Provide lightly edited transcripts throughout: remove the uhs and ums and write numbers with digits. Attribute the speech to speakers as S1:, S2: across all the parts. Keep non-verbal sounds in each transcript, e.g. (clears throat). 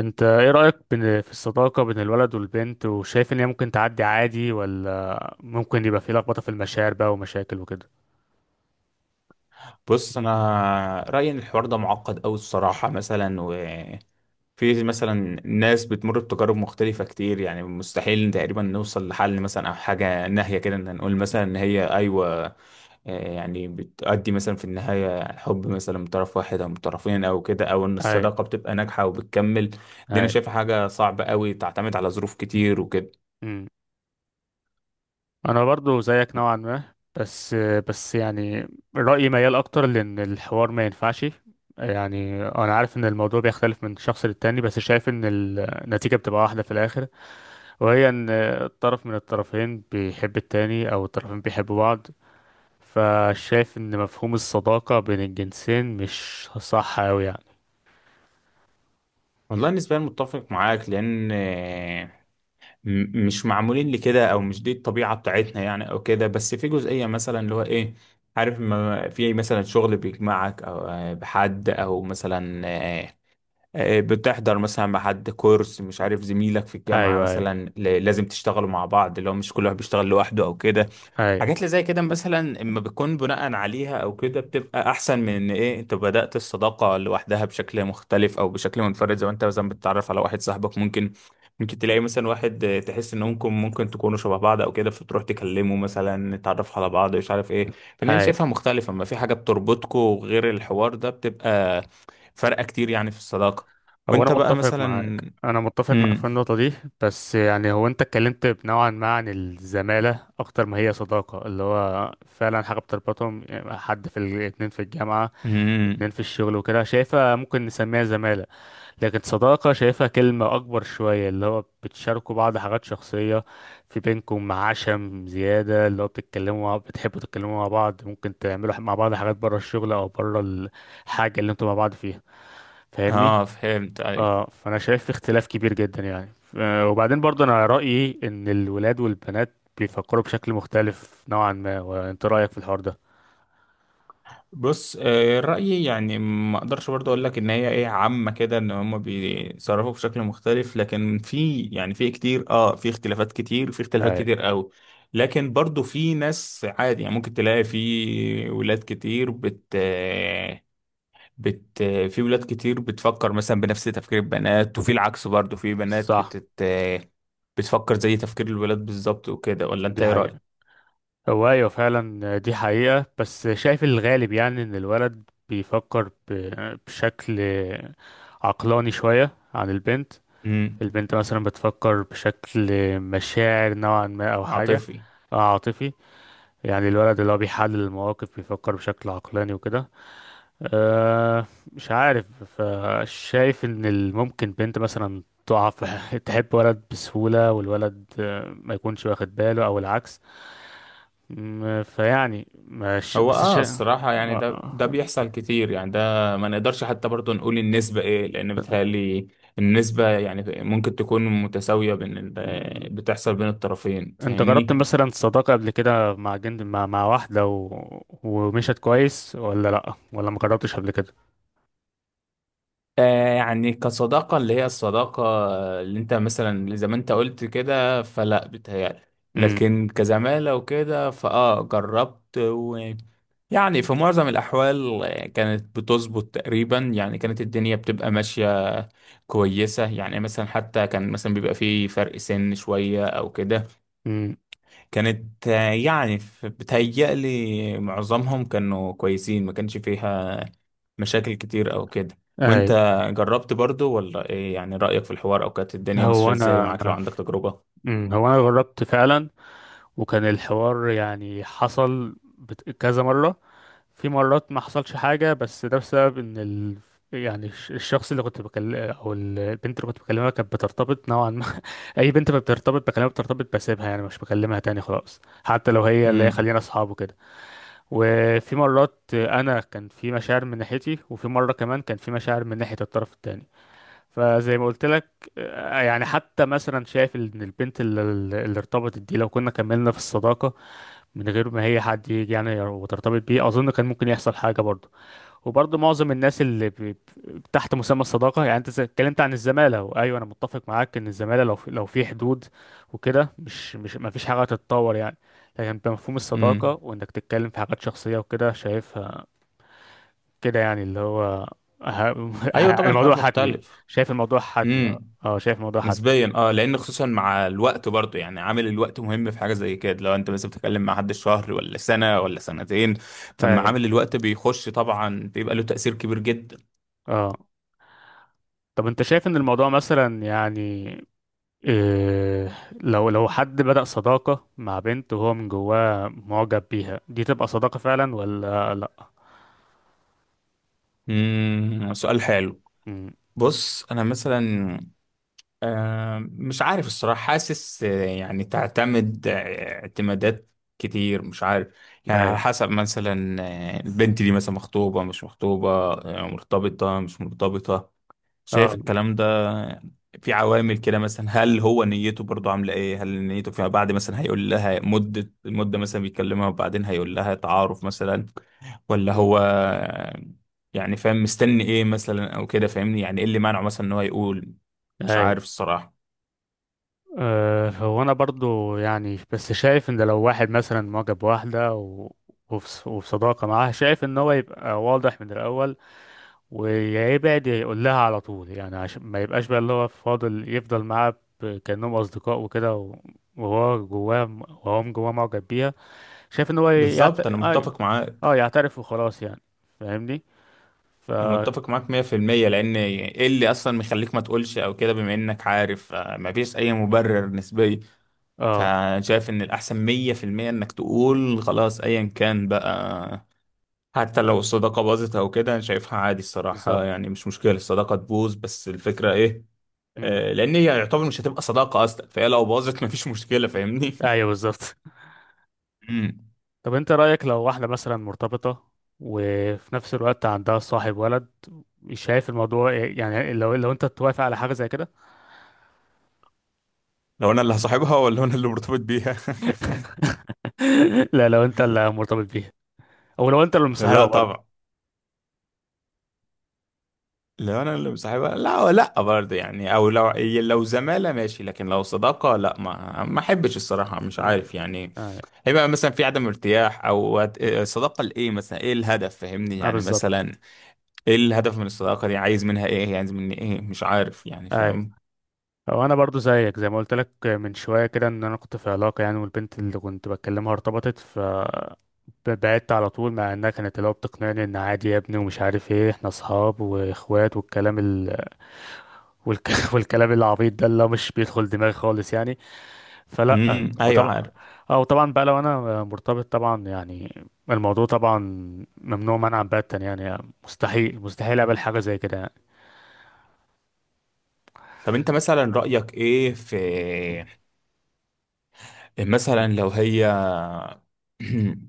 S1: انت ايه رأيك في الصداقة بين الولد والبنت، وشايف ان هي ممكن تعدي عادي ولا ممكن يبقى في لخبطة في المشاعر بقى ومشاكل وكده؟
S2: بص انا رايي ان الحوار ده معقد قوي الصراحه مثلا وفي مثلا ناس بتمر بتجارب مختلفه كتير يعني مستحيل تقريبا نوصل لحل مثلا او حاجه ناهيه كده ان نقول مثلا ان هي ايوه، يعني بتؤدي مثلا في النهايه حب مثلا من طرف واحد او من طرفين او كده او ان
S1: اي،
S2: الصداقه بتبقى ناجحه وبتكمل. دي انا
S1: اي.
S2: شايفها حاجه صعبه قوي تعتمد على ظروف كتير وكده.
S1: امم. انا برضو زيك نوعا ما، بس بس يعني رأيي ميال اكتر لان الحوار ما ينفعش. يعني انا عارف ان الموضوع بيختلف من شخص للتاني، بس شايف ان النتيجة بتبقى واحدة في الاخر، وهي ان طرف من الطرفين بيحب التاني او الطرفين بيحبوا بعض. فشايف ان مفهوم الصداقة بين الجنسين مش صح اوي يعني.
S2: والله نسبيا متفق معاك لان مش معمولين لكده او مش دي الطبيعه بتاعتنا يعني او كده، بس في جزئيه مثلا اللي هو ايه عارف ما في مثلا شغل بيجمعك او بحد او مثلا بتحضر مثلا مع حد كورس، مش عارف زميلك في الجامعه
S1: ايوه، ايوه،
S2: مثلا لازم تشتغلوا مع بعض اللي هو مش كل واحد بيشتغل لوحده او كده.
S1: ايوه،
S2: حاجات اللي زي كده مثلا اما بتكون بناء عليها او كده بتبقى احسن من ان ايه انت بدأت الصداقة لوحدها بشكل مختلف او بشكل منفرد، زي ما انت مثلا بتتعرف على واحد صاحبك، ممكن تلاقي مثلا واحد تحس انهم ممكن تكونوا شبه بعض او كده فتروح تكلمه مثلا تتعرف على بعض مش عارف ايه. فان انا
S1: ايوه.
S2: شايفها مختلفة، اما في حاجة بتربطكوا غير الحوار ده بتبقى فرقة كتير يعني في الصداقة.
S1: هو انا
S2: وانت بقى
S1: متفق
S2: مثلا؟
S1: معاك انا متفق معاك في
S2: امم.
S1: النقطة دي. بس يعني هو انت اتكلمت نوعا ما عن الزمالة اكتر ما هي صداقة، اللي هو فعلا حاجة بتربطهم يعني حد في الاتنين في الجامعة، اتنين
S2: امم.
S1: في الشغل وكده، شايفها ممكن نسميها زمالة. لكن صداقة شايفها كلمة أكبر شوية، اللي هو بتشاركوا بعض حاجات شخصية، في بينكم عشم زيادة، اللي هو بتتكلموا بتحبوا تتكلموا مع بعض، ممكن تعملوا مع بعض حاجات برا الشغل أو برا الحاجة اللي انتوا مع بعض فيها. فاهمني؟
S2: اه فهمت، أيوه.
S1: اه، فأنا شايف في اختلاف كبير جدا يعني وبعدين برضه أنا رأيي إن الولاد والبنات بيفكروا بشكل مختلف نوعا ما. وأنت رأيك في الحوار ده؟
S2: بص، رأيي يعني ما اقدرش برضه اقول لك ان هي ايه عامة كده ان هم بيتصرفوا بشكل مختلف، لكن في يعني في كتير اه في اختلافات كتير، في اختلافات
S1: أي.
S2: كتير قوي. لكن برضه في ناس عادي يعني، ممكن تلاقي في ولاد كتير بت آه، بت آه، في ولاد كتير بتفكر مثلا بنفس تفكير البنات، وفي العكس برضه في بنات
S1: صح،
S2: بتت آه، بتفكر زي تفكير الولاد بالظبط وكده. ولا انت
S1: دي
S2: ايه رأيك؟
S1: حقيقة. هو أيوة فعلا دي حقيقة. بس شايف الغالب يعني إن الولد بيفكر بشكل عقلاني شوية عن البنت.
S2: امم.
S1: البنت مثلا بتفكر بشكل مشاعر نوعا ما، أو حاجة
S2: عاطفي.
S1: أو عاطفي. يعني الولد اللي هو بيحلل المواقف بيفكر بشكل عقلاني وكده. أه مش عارف. فشايف إن ممكن بنت مثلا تقع في (laughs) تحب ولد بسهولة، والولد ما يكونش واخد باله، أو العكس. فيعني مش
S2: هو
S1: بس
S2: اه الصراحة يعني ده
S1: آه.
S2: بيحصل كتير يعني. ده ما نقدرش حتى برضه نقول النسبة ايه، لأن بيتهيألي النسبة يعني ممكن تكون متساوية بين
S1: م-
S2: بتحصل بين الطرفين،
S1: انت جربت
S2: فاهمني؟
S1: مثلا صداقة قبل كده مع واحدة و... ومشت كويس ولا لأ، ولا ما جربتش قبل كده؟
S2: آه يعني كصداقة اللي هي الصداقة اللي انت مثلا زي ما انت قلت كده، فلا بيتهيألي.
S1: امم،
S2: لكن كزمالة وكده فاه جربت، ويعني في معظم الأحوال كانت بتظبط تقريبا يعني، كانت الدنيا بتبقى ماشية كويسة يعني. مثلا حتى كان مثلا بيبقى فيه فرق سن شوية أو كده،
S1: امم.
S2: كانت يعني بتهيألي معظمهم كانوا كويسين، ما كانش فيها مشاكل كتير أو كده. وأنت
S1: اي.
S2: جربت برضو ولا إيه يعني رأيك في الحوار، أو كانت الدنيا
S1: هو
S2: ماشية إزاي
S1: انا
S2: معاك لو عندك تجربة؟
S1: هو انا جربت فعلا. وكان الحوار، يعني، حصل كذا مرة. في مرات ما حصلش حاجة، بس ده بسبب ان يعني الشخص اللي كنت بكلم او البنت اللي كنت بكلمها كانت بترتبط نوعا ما. اي، بنت ما بترتبط بكلامه بترتبط بسيبها، يعني مش بكلمها تاني خلاص، حتى لو هي اللي هي
S2: امم.
S1: خلينا اصحاب وكده. وفي مرات انا كان في مشاعر من ناحيتي، وفي مره كمان كان في مشاعر من ناحيه الطرف التاني. فزي ما قلت لك، يعني حتى مثلا شايف ان البنت اللي ارتبطت دي لو كنا كملنا في الصداقه من غير ما هي حد يجي يعني وترتبط بيه، اظن كان ممكن يحصل حاجه برضه. وبرضه معظم الناس تحت مسمى الصداقة، يعني انت اتكلمت عن الزمالة، وايوه انا متفق معاك ان الزمالة لو في حدود وكده مش ما فيش حاجة تتطور يعني. لكن بمفهوم
S2: امم.
S1: الصداقة وانك تتكلم في حاجات شخصية وكده، شايفها كده يعني اللي هو ه...
S2: أيوة
S1: (laughs)
S2: طبعا
S1: الموضوع
S2: الحوار
S1: حتمي.
S2: مختلف.
S1: شايف الموضوع حتمي، اه، اه، شايف الموضوع حتمي.
S2: نسبيا اه، لان خصوصا مع الوقت برضه يعني عامل الوقت مهم في حاجه زي كده، لو انت مثلا بتتكلم مع حد شهر ولا سنه ولا سنتين فما
S1: اي.
S2: عامل الوقت بيخش طبعا بيبقى له تاثير كبير جدا.
S1: اه. طب انت شايف ان الموضوع مثلا يعني إيه، لو حد بدأ صداقة مع بنت وهو من جواه معجب بيها، دي تبقى صداقة فعلا ولا لأ؟
S2: سؤال حلو.
S1: مم.
S2: بص انا مثلا آه مش عارف الصراحه، حاسس يعني تعتمد اعتمادات كتير، مش عارف يعني.
S1: أي.
S2: على حسب مثلا البنت دي مثلا مخطوبه مش مخطوبه، مرتبطه مش مرتبطه، شايف
S1: اه.
S2: الكلام ده. في عوامل كده مثلا، هل هو نيته برضو عاملة ايه، هل نيته فيما بعد مثلا هيقول لها مدة المدة مثلا بيكلمها وبعدين هيقول لها تعارف مثلا، ولا
S1: مم.
S2: هو يعني فاهم مستني ايه مثلا او كده. فاهمني يعني ايه اللي مانعه مثلا ان هو يقول. مش
S1: أي.
S2: عارف الصراحة.
S1: أه هو أنا برضو يعني، بس شايف إن لو واحد مثلا معجب بواحدة وفي صداقة معاها، شايف إن هو يبقى واضح من الأول ويبعد يقول لها على طول، يعني عشان ما يبقاش بقى اللي هو فاضل يفضل معاها كأنهم أصدقاء وكده وهو جواه وهو من جواه معجب بيها. شايف ان هو
S2: بالظبط انا
S1: اه،
S2: متفق معاك،
S1: يعترف وخلاص يعني، فاهمني. ف
S2: انا متفق معاك 100%. لان ايه اللي اصلا مخليك ما تقولش او كده بما انك عارف، مفيش اي مبرر نسبي.
S1: اه،
S2: فانا شايف ان الاحسن 100% انك تقول خلاص ايا كان بقى. حتى لو الصداقة باظت او كده انا شايفها عادي الصراحة،
S1: بالظبط.
S2: يعني مش مشكلة الصداقة تبوظ، بس الفكرة ايه،
S1: مم.
S2: لان هي يعتبر مش هتبقى صداقة اصلا، فهي لو باظت مفيش مشكلة، فاهمني.
S1: ايوه، بالظبط. (laughs)
S2: (laughs) مم.
S1: طب انت رأيك لو واحدة مثلا مرتبطة وفي نفس الوقت عندها صاحب ولد، مش شايف الموضوع إيه؟ يعني لو انت توافق على حاجة زي كده؟
S2: لو انا اللي هصاحبها ولا انا اللي مرتبط بيها؟
S1: (laughs) لا، لو انت اللي مرتبط بيها، او لو انت اللي
S2: (laughs) لا
S1: مصاحبها برضه.
S2: طبعا، لو انا اللي مصاحبها لا لا برضه يعني. او لو لو زمالة ماشي، لكن لو صداقة لا، ما احبش الصراحة مش
S1: مم.
S2: عارف يعني.
S1: ايوه.
S2: هيبقى مثلا في عدم ارتياح، او الصداقه لايه مثلا، ايه الهدف، فاهمني
S1: اه،
S2: يعني.
S1: بالظبط.
S2: مثلا ايه الهدف من الصداقه دي، عايز منها ايه يعني، عايز مني ايه، مش عارف يعني،
S1: ايوه.
S2: فاهم.
S1: او انا برضو زيك، زي ما قلت لك من شويه كده، ان انا كنت في علاقه يعني، والبنت اللي كنت بكلمها ارتبطت، ف بعدت على طول، مع انها كانت اللي هو بتقنعني ان عادي يا ابني ومش عارف ايه، احنا اصحاب واخوات، والك... (laughs) والكلام العبيط ده اللي هو مش بيدخل دماغي خالص يعني. فلا،
S2: ايوه
S1: وطبعا.
S2: عارف.
S1: اه، وطبعا بقى لو انا مرتبط طبعا يعني، الموضوع طبعا ممنوع منعا باتا يعني. مستحيل، مستحيل اقبل حاجه زي كده يعني.
S2: طب انت مثلا رايك ايه في مثلا لو هي (clears throat)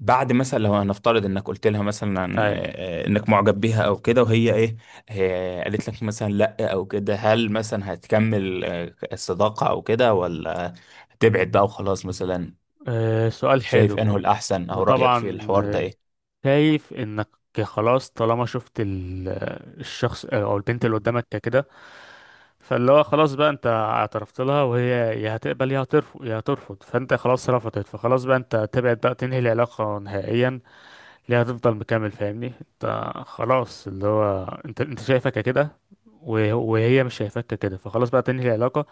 S2: بعد مثلا، لو هنفترض انك قلت لها مثلا
S1: أي.
S2: انك معجب بيها او كده، وهي ايه قالت لك مثلا لا او كده، هل مثلا هتكمل الصداقه او كده، ولا تبعد بقى وخلاص مثلا؟
S1: سؤال
S2: شايف انه
S1: حلو.
S2: الاحسن، او رايك في
S1: وطبعا
S2: الحوار ده ايه؟
S1: شايف انك خلاص طالما شفت الشخص او البنت اللي قدامك كده، فاللي هو خلاص بقى انت اعترفت لها، وهي يا هتقبل، يا هترفض، فانت خلاص رفضت، فخلاص بقى انت تبعد بقى تنهي العلاقة نهائيا. ليه هتفضل مكمل؟ فاهمني، انت خلاص اللي هو انت شايفك كده وهي مش شايفاك كده، فخلاص بقى تنهي العلاقة.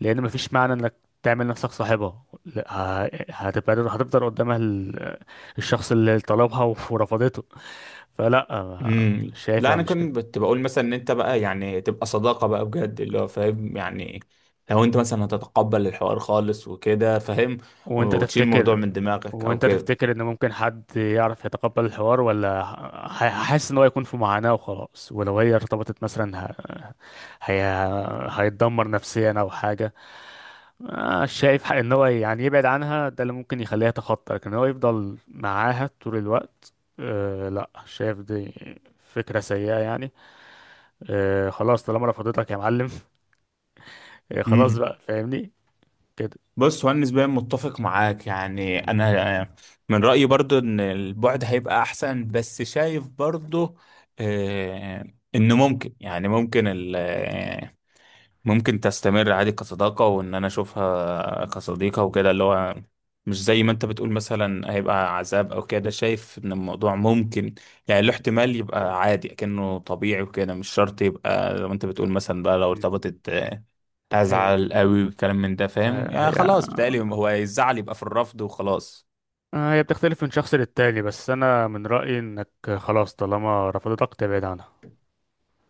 S1: لان مفيش معنى انك تعمل نفسك صاحبها. لا، هتبقى هتفضل قدامها الشخص اللي طلبها ورفضته. فلا،
S2: لا
S1: شايفها
S2: انا
S1: مش كده.
S2: كنت بقول مثلا ان انت بقى يعني تبقى صداقه بقى بجد اللي هو فاهم يعني، لو انت مثلا هتتقبل الحوار خالص وكده فاهم،
S1: وانت
S2: وتشيل الموضوع
S1: تفتكر،
S2: من دماغك او كده.
S1: ان ممكن حد يعرف يتقبل الحوار، ولا حاسس ان هو يكون في معاناة وخلاص ولو هي ارتبطت مثلا هي... هيتدمر نفسيا او حاجة؟ شايف ان هو يعني يبعد عنها، ده اللي ممكن يخليها تخطى، لكن هو يفضل معاها طول الوقت. أه لا، شايف دي فكرة سيئة يعني. أه خلاص طالما رفضتك يا معلم. (laughs) أه خلاص
S2: امم.
S1: بقى، فاهمني، كده.
S2: بص هو انا نسبيا متفق معاك يعني، انا من رايي برضو ان البعد هيبقى احسن، بس شايف برضو آه، ان ممكن يعني ممكن تستمر عادي كصداقة، وإن أنا أشوفها كصديقة وكده اللي هو مش زي ما أنت بتقول مثلا هيبقى عذاب أو كده. شايف إن الموضوع ممكن يعني له احتمال يبقى عادي أكنه طبيعي وكده، مش شرط يبقى زي ما أنت بتقول مثلا بقى لو
S1: مم.
S2: ارتبطت
S1: ايه.
S2: هزعل قوي والكلام من ده، فاهم
S1: آه،
S2: يعني.
S1: هي
S2: خلاص بتهيألي هو الزعل يبقى في الرفض وخلاص.
S1: هي بتختلف من شخص للتاني. بس انا من رأيي انك خلاص طالما رفضتك، تبعد عنها.